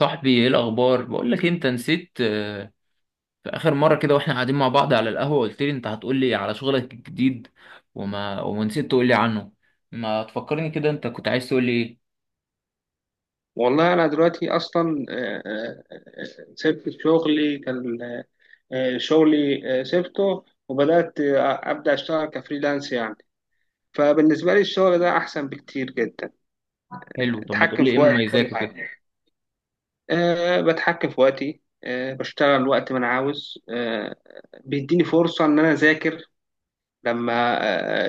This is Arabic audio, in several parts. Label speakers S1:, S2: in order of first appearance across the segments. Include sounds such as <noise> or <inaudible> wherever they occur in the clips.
S1: صاحبي، ايه الاخبار؟ بقول لك إيه، انت نسيت، في اخر مره كده واحنا قاعدين مع بعض على القهوه، قلت لي انت هتقول لي على شغلك الجديد وما ونسيت تقول لي عنه. ما تفكرني كده، انت كنت عايز تقول لي ايه؟
S2: والله أنا دلوقتي أصلا سبت شغلي كان شغلي سبته، وبدأت أبدأ أشتغل كفريلانس يعني. فبالنسبة لي الشغل ده أحسن بكتير جدا.
S1: حلو، طب ما تقول
S2: أتحكم
S1: لي ايه
S2: في وقتي، كل
S1: مميزاته كده.
S2: حاجة. أه، بتحكم في وقتي، أه بشتغل وقت ما أنا عاوز. أه، بيديني فرصة إن أنا أذاكر لما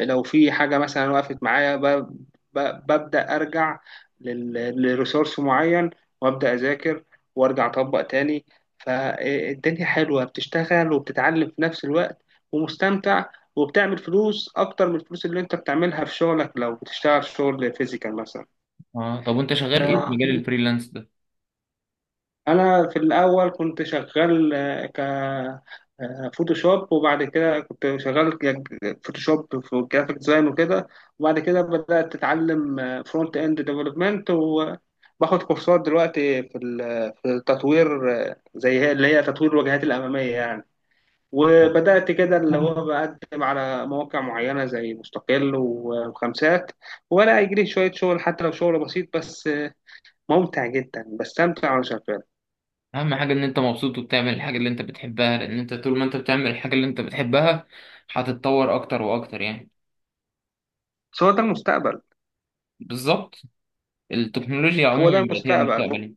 S2: لو في حاجة مثلا وقفت معايا. ب- ببدأ أرجع لريسورس معين، وأبدأ أذاكر، وأرجع أطبق تاني. فالدنيا حلوة، بتشتغل وبتتعلم في نفس الوقت، ومستمتع، وبتعمل فلوس أكتر من الفلوس اللي أنت بتعملها في شغلك لو بتشتغل شغل فيزيكال.
S1: اه، طب وانت شغال ايه في
S2: مثلا،
S1: مجال الفريلانس ده؟
S2: انا في الاول كنت شغال آه، ك آه، فوتوشوب، وبعد كده كنت شغال فوتوشوب في جرافيك ديزاين وكده. وبعد كده بدأت اتعلم فرونت اند ديفلوبمنت، وباخد كورسات دلوقتي في في التطوير، زي اللي هي تطوير الواجهات الأمامية يعني. وبدأت كده، اللي هو بقدم على مواقع معينة زي مستقل وخمسات، ولا يجري شوية شغل حتى لو شغل بسيط، بس ممتع جدا، بستمتع وأنا شغال.
S1: اهم حاجه ان انت مبسوط وبتعمل الحاجه اللي انت بتحبها، لان انت طول ما انت بتعمل الحاجه اللي انت بتحبها هتتطور اكتر واكتر يعني.
S2: بس هو ده المستقبل.
S1: بالظبط، التكنولوجيا
S2: هو ده
S1: عموما بقت هي
S2: المستقبل،
S1: المستقبل.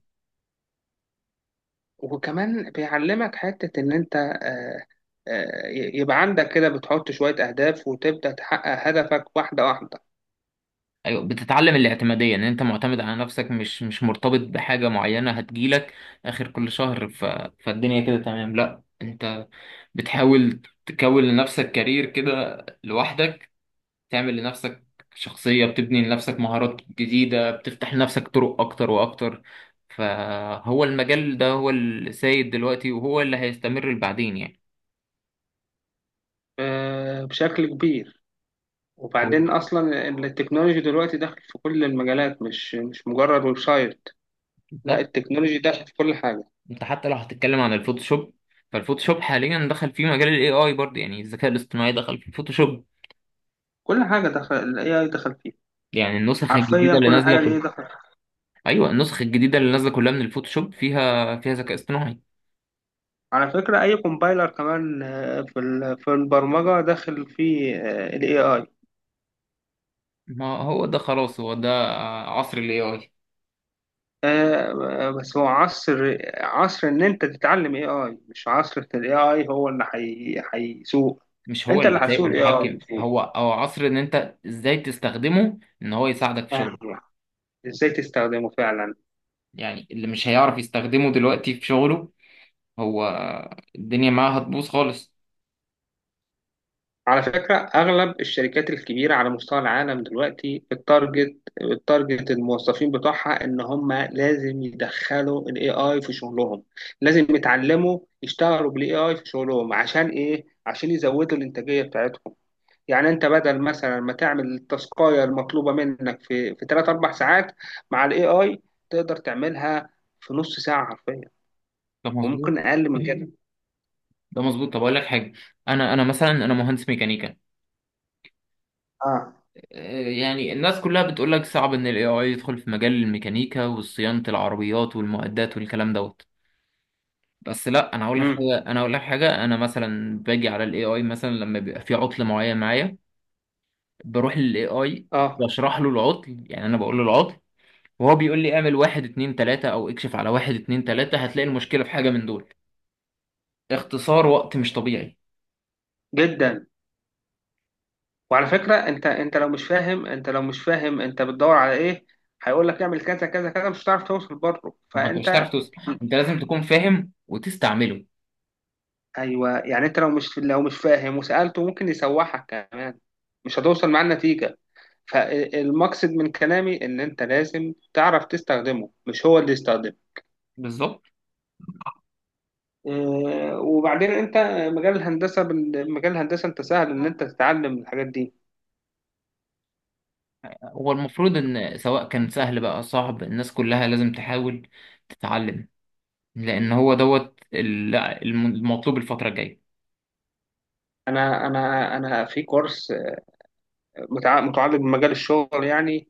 S2: وكمان بيعلمك حتة إن أنت يبقى عندك كده بتحط شوية أهداف وتبدأ تحقق هدفك واحدة واحدة.
S1: ايوه، بتتعلم الاعتماديه ان انت معتمد على نفسك، مش مرتبط بحاجه معينه هتجيلك اخر كل شهر. فالدنيا كده تمام. لا، انت بتحاول تكون لنفسك كارير كده، لوحدك، تعمل لنفسك شخصيه، بتبني لنفسك مهارات جديده، بتفتح لنفسك طرق اكتر واكتر. فهو المجال ده هو السيد دلوقتي، وهو اللي هيستمر بعدين يعني.
S2: بشكل كبير.
S1: هو-
S2: وبعدين أصلا التكنولوجي دلوقتي داخل في كل المجالات، مش مجرد ويب سايت. لا،
S1: بالظبط.
S2: التكنولوجي داخل في كل حاجة.
S1: انت حتى لو هتتكلم عن الفوتوشوب، فالفوتوشوب حاليا دخل فيه مجال الاي اي برضه، يعني الذكاء الاصطناعي دخل في الفوتوشوب.
S2: كل حاجة دخل ال AI دخل فيها.
S1: يعني النسخ
S2: حرفيا
S1: الجديده اللي
S2: كل حاجة
S1: نازله
S2: ال AI دخل فيها.
S1: ايوه، النسخ الجديده اللي نازله كلها من الفوتوشوب فيها ذكاء اصطناعي.
S2: على فكرة، أي كومبايلر كمان في في البرمجة داخل فيه ال AI.
S1: ما هو ده خلاص، هو ده عصر الاي اي.
S2: آه، بس هو عصر ان انت تتعلم اي اي، مش عصر ان الاي اي هو اللي هيسوق.
S1: مش هو
S2: انت اللي
S1: اللي سايق
S2: هتسوق الاي اي،
S1: ومتحكم
S2: مش هو.
S1: هو، او عصر ان انت ازاي تستخدمه، ان هو يساعدك في شغله.
S2: فاهم. ازاي تستخدمه فعلا.
S1: يعني اللي مش هيعرف يستخدمه دلوقتي في شغله، هو الدنيا معاه هتبوظ خالص.
S2: على فكرة، اغلب الشركات الكبيرة على مستوى العالم دلوقتي التارجت الموظفين بتوعها ان هم لازم يدخلوا الاي اي في شغلهم. لازم يتعلموا يشتغلوا بالاي اي في شغلهم. عشان ايه؟ عشان يزودوا الانتاجية بتاعتهم. يعني انت بدل مثلا ما تعمل التاسكايه المطلوبه منك في 3 4 ساعات، مع الاي اي تقدر تعملها في نص ساعه حرفيا.
S1: ده مظبوط.
S2: وممكن اقل من كده.
S1: ده مظبوط، طب اقول لك حاجه. انا مثلا انا مهندس ميكانيكا.
S2: اه.
S1: يعني الناس كلها بتقول لك صعب ان الاي اي يدخل في مجال الميكانيكا وصيانه العربيات والمعدات والكلام دوت. بس لا، انا هقول لك
S2: امم.
S1: حاجه، انا هقول لك حاجه. انا مثلا باجي على الاي اي مثلا لما بيبقى في عطل معين معايا، بروح للاي اي،
S2: اه،
S1: بشرح له العطل، يعني انا بقول له العطل، وهو بيقول لي اعمل واحد اتنين تلاته، او اكشف على واحد اتنين تلاته هتلاقي المشكله في حاجه من دول. اختصار وقت مش طبيعي.
S2: جدا. وعلى فكره، انت لو مش فاهم، انت بتدور على ايه؟ هيقول لك اعمل كذا كذا كذا، مش هتعرف توصل برضه.
S1: ما هو انت مش
S2: فانت،
S1: هتعرف توصل، انت لازم تكون فاهم وتستعمله.
S2: ايوه، يعني انت لو مش فاهم وسالته، ممكن يسوحك كمان. مش هتوصل معاه النتيجه. فالمقصد من كلامي ان انت لازم تعرف تستخدمه، مش هو اللي يستخدمه.
S1: بالظبط.
S2: وبعدين انت، مجال الهندسه، انت سهل ان انت تتعلم الحاجات دي.
S1: هو المفروض ان سواء كان سهل بقى صعب، الناس كلها لازم تحاول تتعلم، لان هو دوت المطلوب الفترة الجاية.
S2: انا في كورس متعلق بمجال الشغل يعني،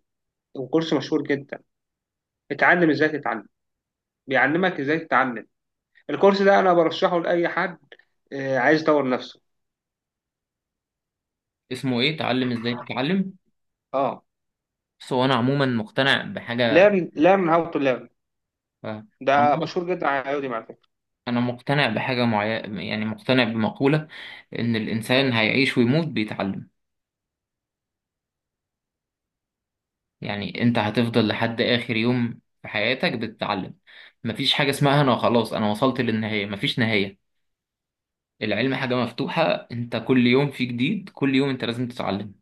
S2: وكورس مشهور جدا. اتعلم ازاي تتعلم. بيعلمك ازاي تتعلم. الكورس ده انا برشحه لاي حد عايز يطور نفسه.
S1: اسمه ايه، تعلم ازاي تتعلم؟
S2: اه.
S1: بس هو انا عموما مقتنع بحاجة.
S2: learn learn how to learn.
S1: آه،
S2: ده
S1: عموماً،
S2: مشهور جدا على يوديمي على فكرة.
S1: انا مقتنع بحاجة معينة، يعني مقتنع بمقولة ان الانسان هيعيش ويموت بيتعلم. يعني انت هتفضل لحد اخر يوم في حياتك بتتعلم. مفيش حاجة اسمها انا خلاص انا وصلت للنهاية، مفيش نهاية. العلم حاجة مفتوحة، انت كل يوم في جديد، كل يوم انت لازم تتعلم.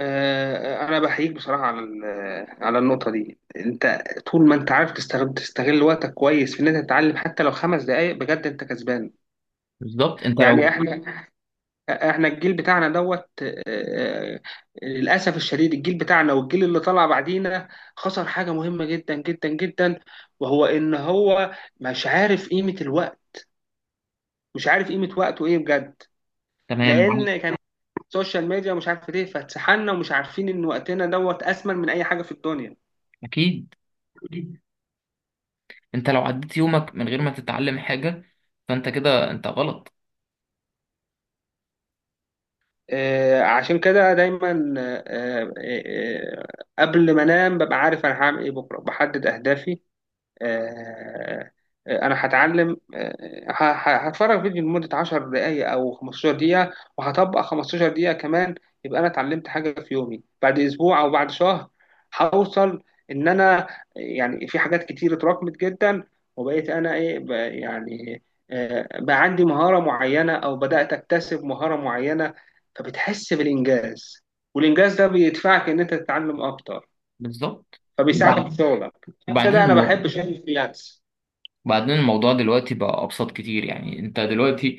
S2: انا بحييك بصراحه على على النقطه دي. انت طول ما انت عارف تستغل وقتك كويس في ان انت تتعلم حتى لو 5 دقائق، بجد انت كسبان.
S1: بالظبط. انت
S2: يعني
S1: لو
S2: احنا الجيل بتاعنا دوت. للاسف الشديد، الجيل بتاعنا والجيل اللي طلع بعدينا خسر حاجه مهمه جدا جدا جدا، وهو ان هو مش عارف قيمه الوقت. مش عارف قيمه وقته ايه بجد.
S1: تمام
S2: لان
S1: معاك.
S2: كان السوشيال ميديا، مش عارف ايه، فاتسحلنا، ومش عارفين ان وقتنا دوت اثمن من اي حاجه في الدنيا.
S1: اكيد، انت لو عديت يومك من غير ما تتعلم حاجة فانت كده انت غلط.
S2: عشان كده دايما، قبل ما انام ببقى عارف انا هعمل ايه بكره، بحدد اهدافي. آه، انا هتعلم، هتفرج فيديو لمدة 10 دقايق او 15 دقيقة، وهطبق 15 دقيقة كمان. يبقى انا اتعلمت حاجة في يومي. بعد اسبوع او بعد شهر هوصل ان انا، يعني في حاجات كتير اتراكمت جدا. وبقيت انا ايه، يعني بقى عندي مهارة معينة، او بدأت اكتسب مهارة معينة. فبتحس بالانجاز، والانجاز ده بيدفعك ان انت تتعلم اكتر،
S1: بالظبط.
S2: فبيساعدك في
S1: وبعدين
S2: شغلك <laughs> عشان
S1: وبعدين
S2: كده انا بحب
S1: الموضوع
S2: شغل الفريلانس.
S1: وبعدين الموضوع دلوقتي بقى ابسط كتير، يعني انت دلوقتي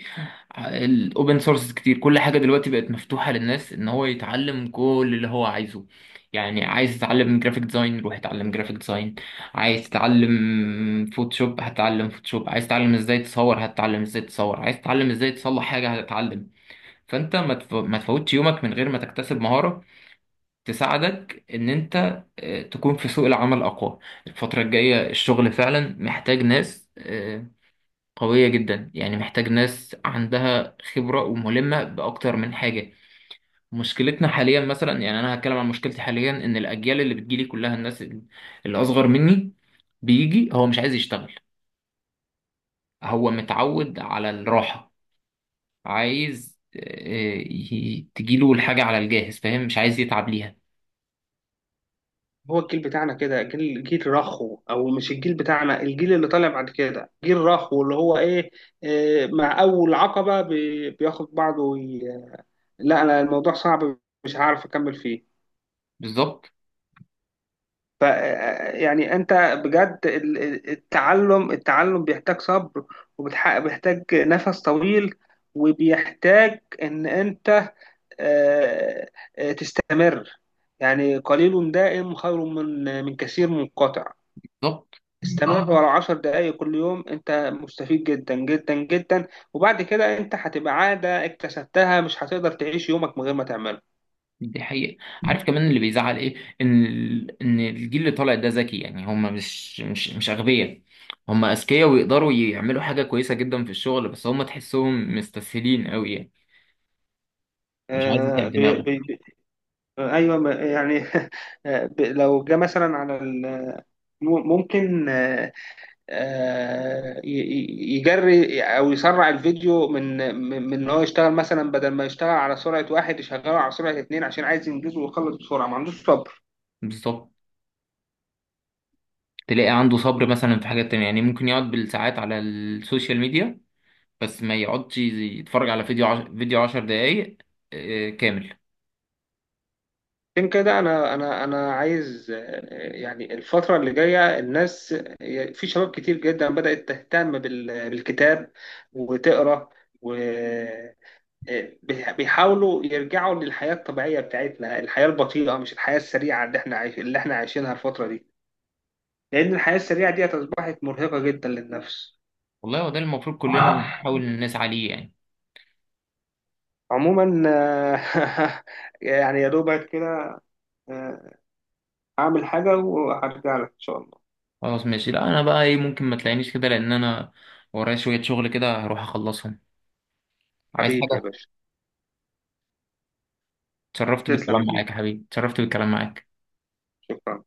S1: الاوبن سورس كتير، كل حاجه دلوقتي بقت مفتوحه للناس ان هو يتعلم كل اللي هو عايزه. يعني عايز تتعلم جرافيك ديزاين روح اتعلم جرافيك ديزاين، عايز تتعلم فوتوشوب هتتعلم فوتوشوب، عايز تتعلم ازاي تصور هتتعلم ازاي تصور، عايز تتعلم ازاي تصلح حاجه هتتعلم. فانت ما تفوتش يومك من غير ما تكتسب مهاره تساعدك ان انت تكون في سوق العمل اقوى. الفتره الجايه الشغل فعلا محتاج ناس قوية جدا، يعني محتاج ناس عندها خبرة وملمة بأكتر من حاجة. مشكلتنا حاليا مثلا، يعني أنا هتكلم عن مشكلتي حاليا، إن الأجيال اللي بتجيلي كلها، الناس اللي أصغر مني، بيجي هو مش عايز يشتغل، هو متعود على الراحة، عايز تجيله الحاجة على الجاهز، فاهم، مش عايز يتعب ليها.
S2: هو الجيل بتاعنا كده، جيل رخو، او مش الجيل بتاعنا، الجيل اللي طالع بعد كده جيل رخو، اللي هو ايه، مع اول عقبة بياخد بعضه لا، انا الموضوع صعب، مش هعرف اكمل فيه.
S1: بالظبط.
S2: ف يعني انت بجد، التعلم بيحتاج صبر، وبيحتاج نفس طويل، وبيحتاج ان انت آه، تستمر. يعني قليل دائم خير من كثير منقطع.
S1: بالظبط.
S2: استمر ورا 10 دقايق كل يوم، انت مستفيد جدا جدا جدا. وبعد كده انت هتبقى عادة اكتسبتها، مش هتقدر تعيش يومك من غير ما تعمله.
S1: دي حقيقة. عارف كمان اللي بيزعل ايه؟ ان ان الجيل اللي طالع ده ذكي، يعني هم مش اغبياء، هم اذكياء ويقدروا يعملوا حاجة كويسة جدا في الشغل، بس هم تحسهم مستسهلين قوي يعني. مش عايز
S2: آه
S1: يتعب
S2: بي
S1: دماغه.
S2: بي بي ايوه، يعني <laughs> لو جه مثلا على ممكن يجري او يسرع الفيديو من ان هو يشتغل مثلا، بدل ما يشتغل على سرعة واحد يشغله على سرعة اتنين، عشان عايز ينجزه ويخلص بسرعة، ما عندوش صبر.
S1: بالظبط. تلاقي عنده صبر مثلا في حاجات تانية، يعني ممكن يقعد بالساعات على السوشيال ميديا، بس ما يقعدش يتفرج على فيديو 10 دقايق كامل.
S2: عشان كده انا عايز، يعني الفتره اللي جايه الناس، في شباب كتير جدا بدات تهتم بالكتاب، وتقرا، و بيحاولوا يرجعوا للحياه الطبيعيه بتاعتنا، الحياه البطيئه، مش الحياه السريعه اللي احنا عايشينها الفتره دي. لان الحياه السريعه دي اصبحت مرهقه جدا للنفس.
S1: والله هو ده المفروض كلنا نحاول نسعى ليه يعني.
S2: عموما <laughs> يعني يا دوبك كده. آه، اعمل حاجه وهرجع لك ان شاء الله.
S1: خلاص ماشي، لا انا بقى ايه، ممكن ما تلاقينيش كده لان انا ورايا شوية شغل كده هروح اخلصهم. عايز
S2: حبيبي يا
S1: حاجة؟
S2: باشا.
S1: اتشرفت
S2: تسلم
S1: بالكلام
S2: يا كبير.
S1: معاك يا حبيبي، اتشرفت بالكلام معاك.
S2: شكرا.